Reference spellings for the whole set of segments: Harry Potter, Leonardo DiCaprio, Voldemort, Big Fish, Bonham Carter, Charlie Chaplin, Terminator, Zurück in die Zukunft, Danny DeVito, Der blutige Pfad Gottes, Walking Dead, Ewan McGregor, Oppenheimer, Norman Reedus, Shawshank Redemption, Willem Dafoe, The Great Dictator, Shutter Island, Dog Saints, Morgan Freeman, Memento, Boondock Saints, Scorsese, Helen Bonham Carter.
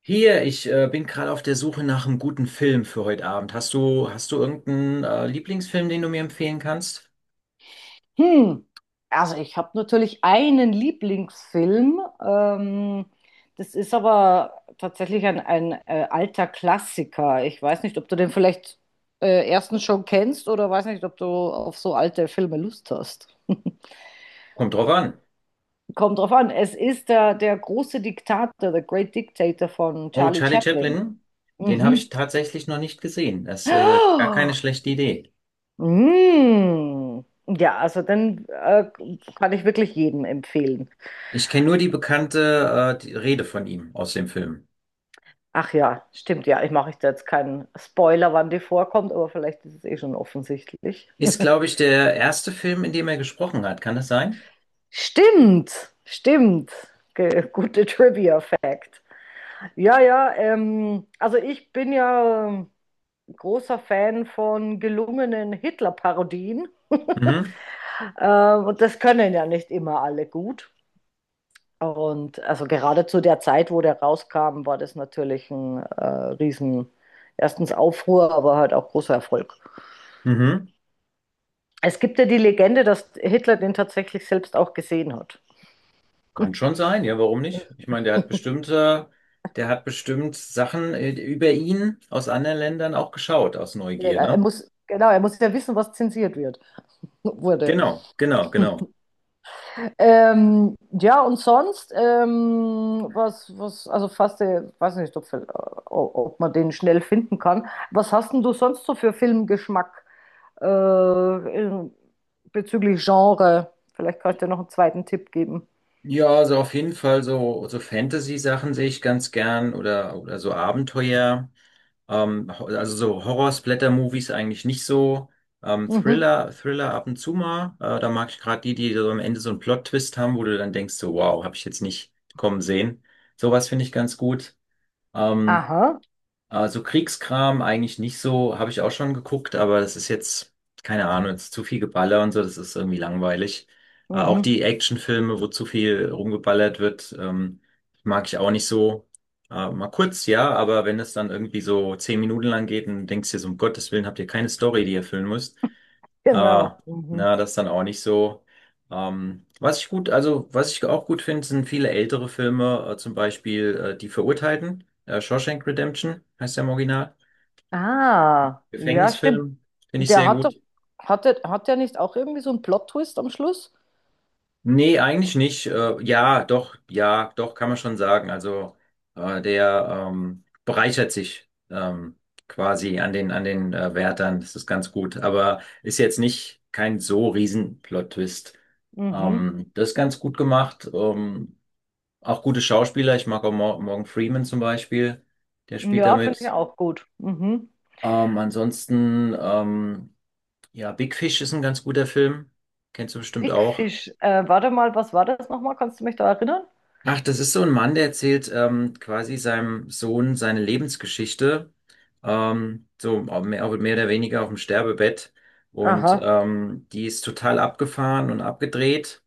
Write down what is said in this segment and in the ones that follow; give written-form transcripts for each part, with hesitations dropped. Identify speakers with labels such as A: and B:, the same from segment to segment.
A: Hier, ich bin gerade auf der Suche nach einem guten Film für heute Abend. Hast du irgendeinen Lieblingsfilm, den du mir empfehlen kannst?
B: Hm, also ich habe natürlich einen Lieblingsfilm. Das ist aber tatsächlich ein alter Klassiker. Ich weiß nicht, ob du den vielleicht erstens schon kennst oder weiß nicht, ob du auf so alte Filme Lust hast.
A: Kommt drauf an.
B: Kommt drauf an. Es ist der große Diktator, The Great Dictator von
A: Oh,
B: Charlie
A: Charlie
B: Chaplin.
A: Chaplin, den habe ich
B: Mhm.
A: tatsächlich noch nicht gesehen. Das ist gar keine
B: Ah,
A: schlechte Idee.
B: mm. Ja, also dann kann ich wirklich jedem empfehlen.
A: Ich kenne nur die bekannte die Rede von ihm aus dem Film.
B: Ach ja, stimmt, ja. Ich mache jetzt keinen Spoiler, wann die vorkommt, aber vielleicht ist es eh schon offensichtlich.
A: Ist, glaube ich, der erste Film, in dem er gesprochen hat. Kann das sein?
B: Stimmt, stimmt. Ge Gute Trivia-Fact. Ja, ja, also ich bin ja großer Fan von gelungenen Hitler-Parodien.
A: Mhm.
B: Und das können ja nicht immer alle gut. Und also gerade zu der Zeit, wo der rauskam, war das natürlich ein riesen, erstens Aufruhr, aber halt auch großer Erfolg.
A: Mhm.
B: Es gibt ja die Legende, dass Hitler den tatsächlich selbst auch gesehen hat.
A: Kann schon sein, ja, warum nicht? Ich meine, der hat bestimmt Sachen über ihn aus anderen Ländern auch geschaut, aus Neugier,
B: Er
A: ne?
B: muss, genau, er muss ja wissen, was zensiert wird, wurde.
A: Genau, genau, genau.
B: Ja, und sonst, also fast, weiß nicht, ob man den schnell finden kann. Was hast denn du sonst so für Filmgeschmack äh, in, bezüglich Genre? Vielleicht kannst du dir noch einen zweiten Tipp geben.
A: Ja, also auf jeden Fall so Fantasy-Sachen sehe ich ganz gern oder so Abenteuer. Also so Horror-Splatter-Movies eigentlich nicht so.
B: Mhm.
A: Thriller ab und zu mal. Da mag ich gerade die so am Ende so einen Plot-Twist haben, wo du dann denkst, so, wow, habe ich jetzt nicht kommen sehen. Sowas finde ich ganz gut. Ähm,
B: Aha,
A: Also Kriegskram eigentlich nicht so, habe ich auch schon geguckt, aber keine Ahnung, jetzt zu viel Geballer und so, das ist irgendwie langweilig. Auch
B: mhm,
A: die Actionfilme, wo zu viel rumgeballert wird, mag ich auch nicht so. Mal kurz, ja, aber wenn es dann irgendwie so zehn Minuten lang geht und denkst dir so, um Gottes Willen, habt ihr keine Story, die ihr füllen müsst,
B: genau.
A: aber
B: Mhm.
A: na, das ist dann auch nicht so. Was ich gut, also was ich auch gut finde, sind viele ältere Filme, zum Beispiel Die Verurteilten, Shawshank Redemption heißt der im Original.
B: Ah, ja, stimmt.
A: Gefängnisfilm finde ich
B: Der
A: sehr
B: hat doch,
A: gut.
B: hat der nicht auch irgendwie so einen Plot-Twist am Schluss?
A: Nee, eigentlich nicht. Ja, doch, ja, doch, kann man schon sagen. Also der bereichert sich quasi an den Wärtern. Das ist ganz gut. Aber ist jetzt nicht kein so riesen Plot-Twist.
B: Mhm.
A: Das ist ganz gut gemacht. Auch gute Schauspieler. Ich mag auch Morgan Freeman zum Beispiel. Der spielt
B: Ja, finde ich
A: damit.
B: auch gut. Mhm.
A: Ansonsten, ja, Big Fish ist ein ganz guter Film. Kennst du bestimmt
B: Big
A: auch.
B: Fish. Warte mal, was war das nochmal? Kannst du mich da erinnern?
A: Ach, das ist so ein Mann, der erzählt quasi seinem Sohn seine Lebensgeschichte, ähm, auch mehr oder weniger auf dem Sterbebett. Und
B: Aha.
A: die ist total abgefahren und abgedreht.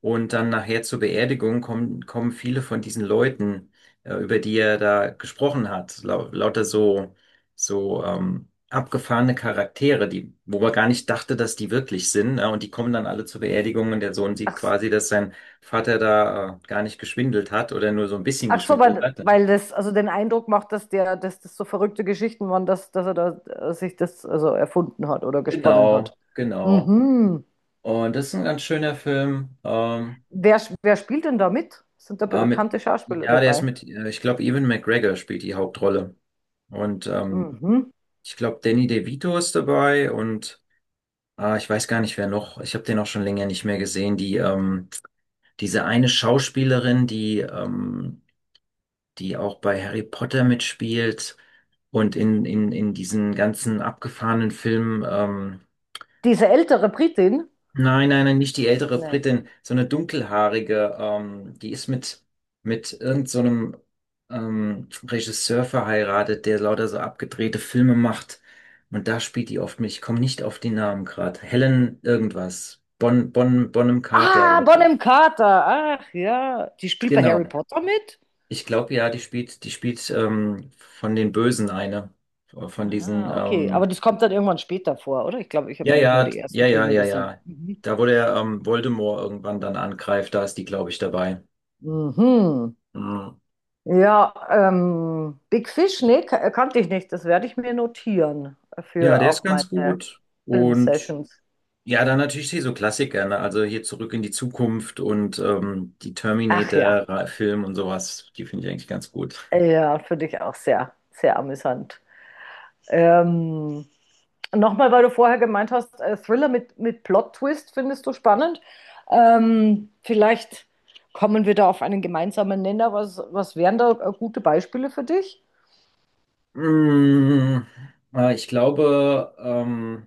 A: Und dann nachher zur Beerdigung kommen viele von diesen Leuten, über die er da gesprochen hat. Lauter so, so abgefahrene Charaktere, die, wo man gar nicht dachte, dass die wirklich sind. Ne? Und die kommen dann alle zur Beerdigung und der Sohn sieht
B: Ach, s-
A: quasi, dass sein Vater da gar nicht geschwindelt hat oder nur so ein bisschen
B: Ach so,
A: geschwindelt
B: weil,
A: hat. Ne?
B: weil das also den Eindruck macht, dass der, dass das so verrückte Geschichten waren, dass er da sich das also erfunden hat oder gesponnen
A: Genau,
B: hat.
A: genau.
B: Mhm.
A: Und das ist ein ganz schöner Film.
B: Wer spielt denn da mit? Sind da
A: Äh, mit,
B: bekannte Schauspieler
A: ja, der ist
B: dabei?
A: mit, äh, ich glaube, Ewan McGregor spielt die Hauptrolle. Und
B: Mhm.
A: ich glaube, Danny DeVito ist dabei und ich weiß gar nicht, wer noch. Ich habe den auch schon länger nicht mehr gesehen. Diese eine Schauspielerin, die auch bei Harry Potter mitspielt und in diesen ganzen abgefahrenen Filmen.
B: Diese ältere Britin?
A: Nein, nein, nein, nicht die ältere
B: Nee.
A: Britin, so eine dunkelhaarige, die ist mit irgend so einem Regisseur verheiratet, der lauter so abgedrehte Filme macht. Und da spielt die oft mit. Ich komme nicht auf die Namen gerade. Helen irgendwas. Bonham Carter
B: Ah,
A: oder so.
B: Bonham Carter. Ach ja, die spielt bei
A: Genau.
B: Harry Potter mit?
A: Ich glaube ja, die spielt von den Bösen eine. Von diesen,
B: Ah, okay, aber das kommt dann irgendwann später vor, oder? Ich glaube, ich habe
A: ja,
B: nämlich nur
A: ja,
B: die
A: ja,
B: ersten
A: ja,
B: Filme
A: ja,
B: gesehen.
A: ja.
B: Mhm.
A: Da, wo der Voldemort irgendwann dann angreift, da ist die, glaube ich, dabei.
B: Mhm.
A: Ja,
B: Ja, Big Fish, nee, kannte ich nicht. Das werde ich mir notieren
A: ja,
B: für
A: der ist
B: auch meine
A: ganz gut. Und
B: Filmsessions.
A: ja, dann natürlich hier so Klassiker, ne? Also hier Zurück in die Zukunft und die
B: Ach ja,
A: Terminator-Film und sowas, die finde ich eigentlich ganz gut.
B: ja, für dich auch sehr, sehr amüsant. Ähm, Nochmal, weil du vorher gemeint hast, Thriller mit Plot-Twist findest du spannend. Vielleicht kommen wir da auf einen gemeinsamen Nenner. Was wären da gute Beispiele für dich?
A: Mm, Ich glaube,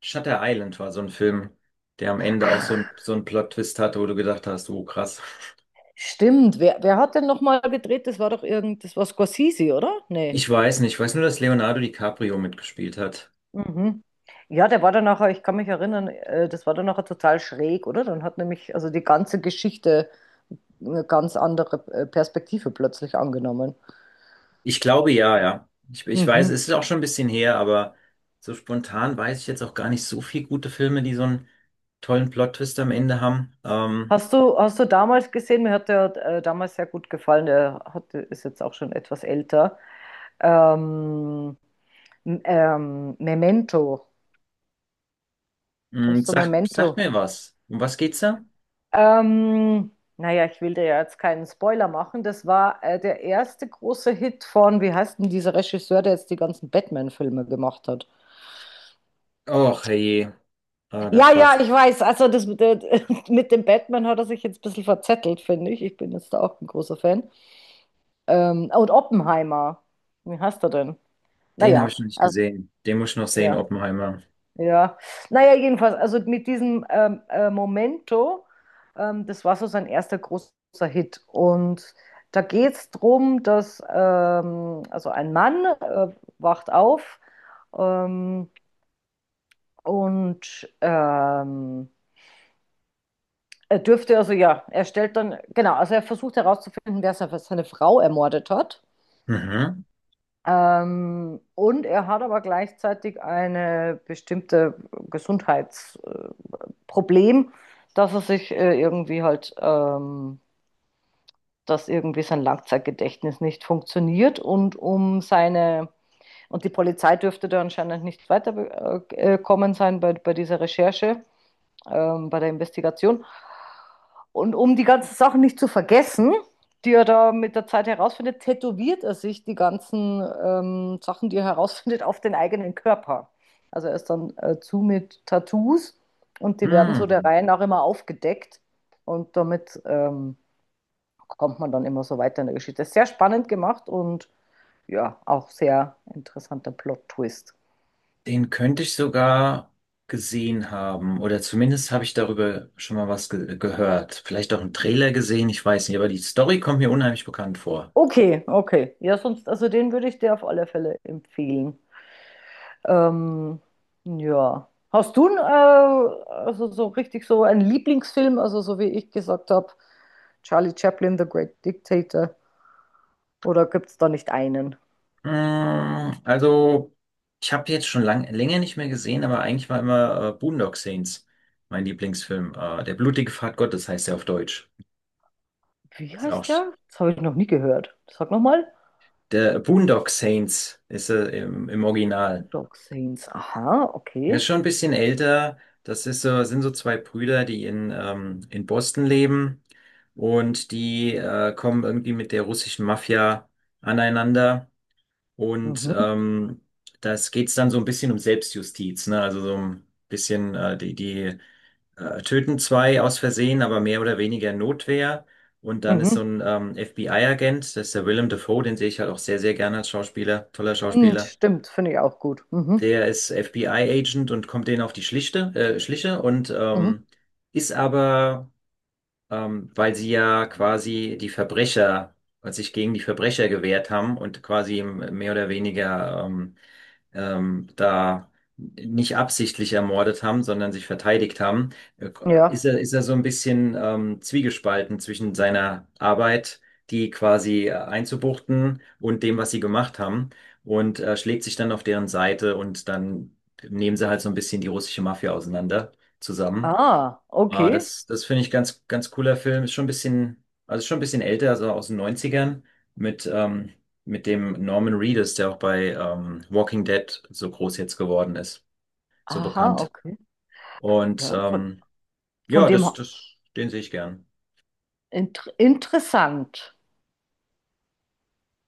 A: Shutter Island war so ein Film, der am Ende auch so ein,
B: Ach,
A: so ein Plot-Twist hatte, wo du gedacht hast, oh krass.
B: stimmt. Wer hat denn nochmal gedreht? Das war doch irgend, das war Scorsese, oder? Nee.
A: Ich weiß nicht, ich weiß nur, dass Leonardo DiCaprio mitgespielt hat.
B: Mhm. Ja, der war dann nachher, ich kann mich erinnern, das war dann nachher total schräg, oder? Dann hat nämlich also die ganze Geschichte eine ganz andere Perspektive plötzlich angenommen.
A: Ich glaube ja, ja. Ich weiß,
B: Mhm.
A: es ist auch schon ein bisschen her, aber so spontan weiß ich jetzt auch gar nicht so viel gute Filme, die so einen tollen Plot-Twist am Ende haben.
B: Hast du damals gesehen, mir hat der damals sehr gut gefallen, der hat, ist jetzt auch schon etwas älter. Ähm, Memento. Kennst du
A: Sagt
B: Memento?
A: mir was. Um was geht's da?
B: Ähm, naja, ich will dir ja jetzt keinen Spoiler machen. Das war der erste große Hit von, wie heißt denn dieser Regisseur, der jetzt die ganzen Batman-Filme gemacht hat?
A: Och, herrje. Ah, da
B: Ja, ja,
A: fragst.
B: ich weiß. Also das, mit der- mit dem Batman hat er sich jetzt ein bisschen verzettelt, finde ich. Ich bin jetzt da auch ein großer Fan. Und Oppenheimer. Wie heißt er denn?
A: Den habe
B: Naja,
A: ich noch nicht
B: also,
A: gesehen. Den muss ich noch sehen,
B: ja,
A: Oppenheimer.
B: ja. Naja, jedenfalls, also mit diesem Momento, das war so sein erster großer Hit. Und da geht es darum, dass also ein Mann wacht auf ähm, und er dürfte, also ja, er stellt dann, genau, also er versucht herauszufinden, wer seine Frau ermordet hat.
A: Mhm.
B: Und er hat aber gleichzeitig eine bestimmte Gesundheitsproblematik. Problem, dass er sich irgendwie halt, dass irgendwie sein Langzeitgedächtnis nicht funktioniert und um seine, und die Polizei dürfte da anscheinend nicht weitergekommen sein bei dieser Recherche, bei der Investigation. Und um die ganzen Sachen nicht zu vergessen, die er da mit der Zeit herausfindet, tätowiert er sich die ganzen Sachen, die er herausfindet, auf den eigenen Körper. Also er ist dann zu mit Tattoos und die werden so der
A: Hm.
B: Reihe nach immer aufgedeckt und damit kommt man dann immer so weiter in der Geschichte. Sehr spannend gemacht und ja, auch sehr interessanter Plot-Twist.
A: Den könnte ich sogar gesehen haben. Oder zumindest habe ich darüber schon mal was ge gehört. Vielleicht auch einen Trailer gesehen, ich weiß nicht, aber die Story kommt mir unheimlich bekannt vor.
B: Okay, okay. Ja, sonst, also den würde ich dir auf alle Fälle empfehlen. Ähm, ja. Hast du, n, also so richtig so einen Lieblingsfilm, also so wie ich gesagt habe, Charlie Chaplin, The Great Dictator, oder gibt es da nicht einen?
A: Also, ich habe jetzt schon lang, länger nicht mehr gesehen, aber eigentlich war immer Boondock Saints mein Lieblingsfilm. Der blutige Pfad Gottes heißt er auf Deutsch.
B: Wie
A: Ist auch
B: heißt der? Das habe ich noch nie gehört. Sag nochmal.
A: der Boondock Saints ist er im, im Original.
B: Dog Saints. Aha,
A: Er
B: okay.
A: ist schon ein bisschen älter. Das ist so, sind so zwei Brüder, die in Boston leben und die kommen irgendwie mit der russischen Mafia aneinander. Und
B: Mhm,
A: das geht's dann so ein bisschen um Selbstjustiz, ne? Also so ein bisschen, die töten zwei aus Versehen, aber mehr oder weniger Notwehr. Und dann ist so
B: mhm.
A: ein FBI-Agent, das ist der Willem Dafoe, den sehe ich halt auch sehr, sehr gerne als Schauspieler, toller
B: Mhm,
A: Schauspieler.
B: stimmt, finde ich auch gut. Mhm,
A: Der ist FBI-Agent und kommt denen auf die Schliche und
B: mhm.
A: ist aber, ähm, weil sie ja quasi weil sich gegen die Verbrecher gewehrt haben und quasi mehr oder weniger da nicht absichtlich ermordet haben, sondern sich verteidigt haben, äh,
B: Ja.
A: ist er so ein bisschen zwiegespalten zwischen seiner Arbeit, die quasi einzubuchten und dem, was sie gemacht haben, und schlägt sich dann auf deren Seite und dann nehmen sie halt so ein bisschen die russische Mafia auseinander zusammen.
B: Ah,
A: Ah,
B: okay.
A: das, das finde ich ganz, ganz cooler Film. Ist schon ein bisschen, also schon ein bisschen älter, also aus den Neunzigern mit, ähm, mit dem Norman Reedus, der auch bei Walking Dead so groß jetzt geworden ist, so
B: Aha,
A: bekannt.
B: okay.
A: Und
B: Ja, von
A: ja,
B: dem her-
A: den sehe ich gern.
B: inter interessant.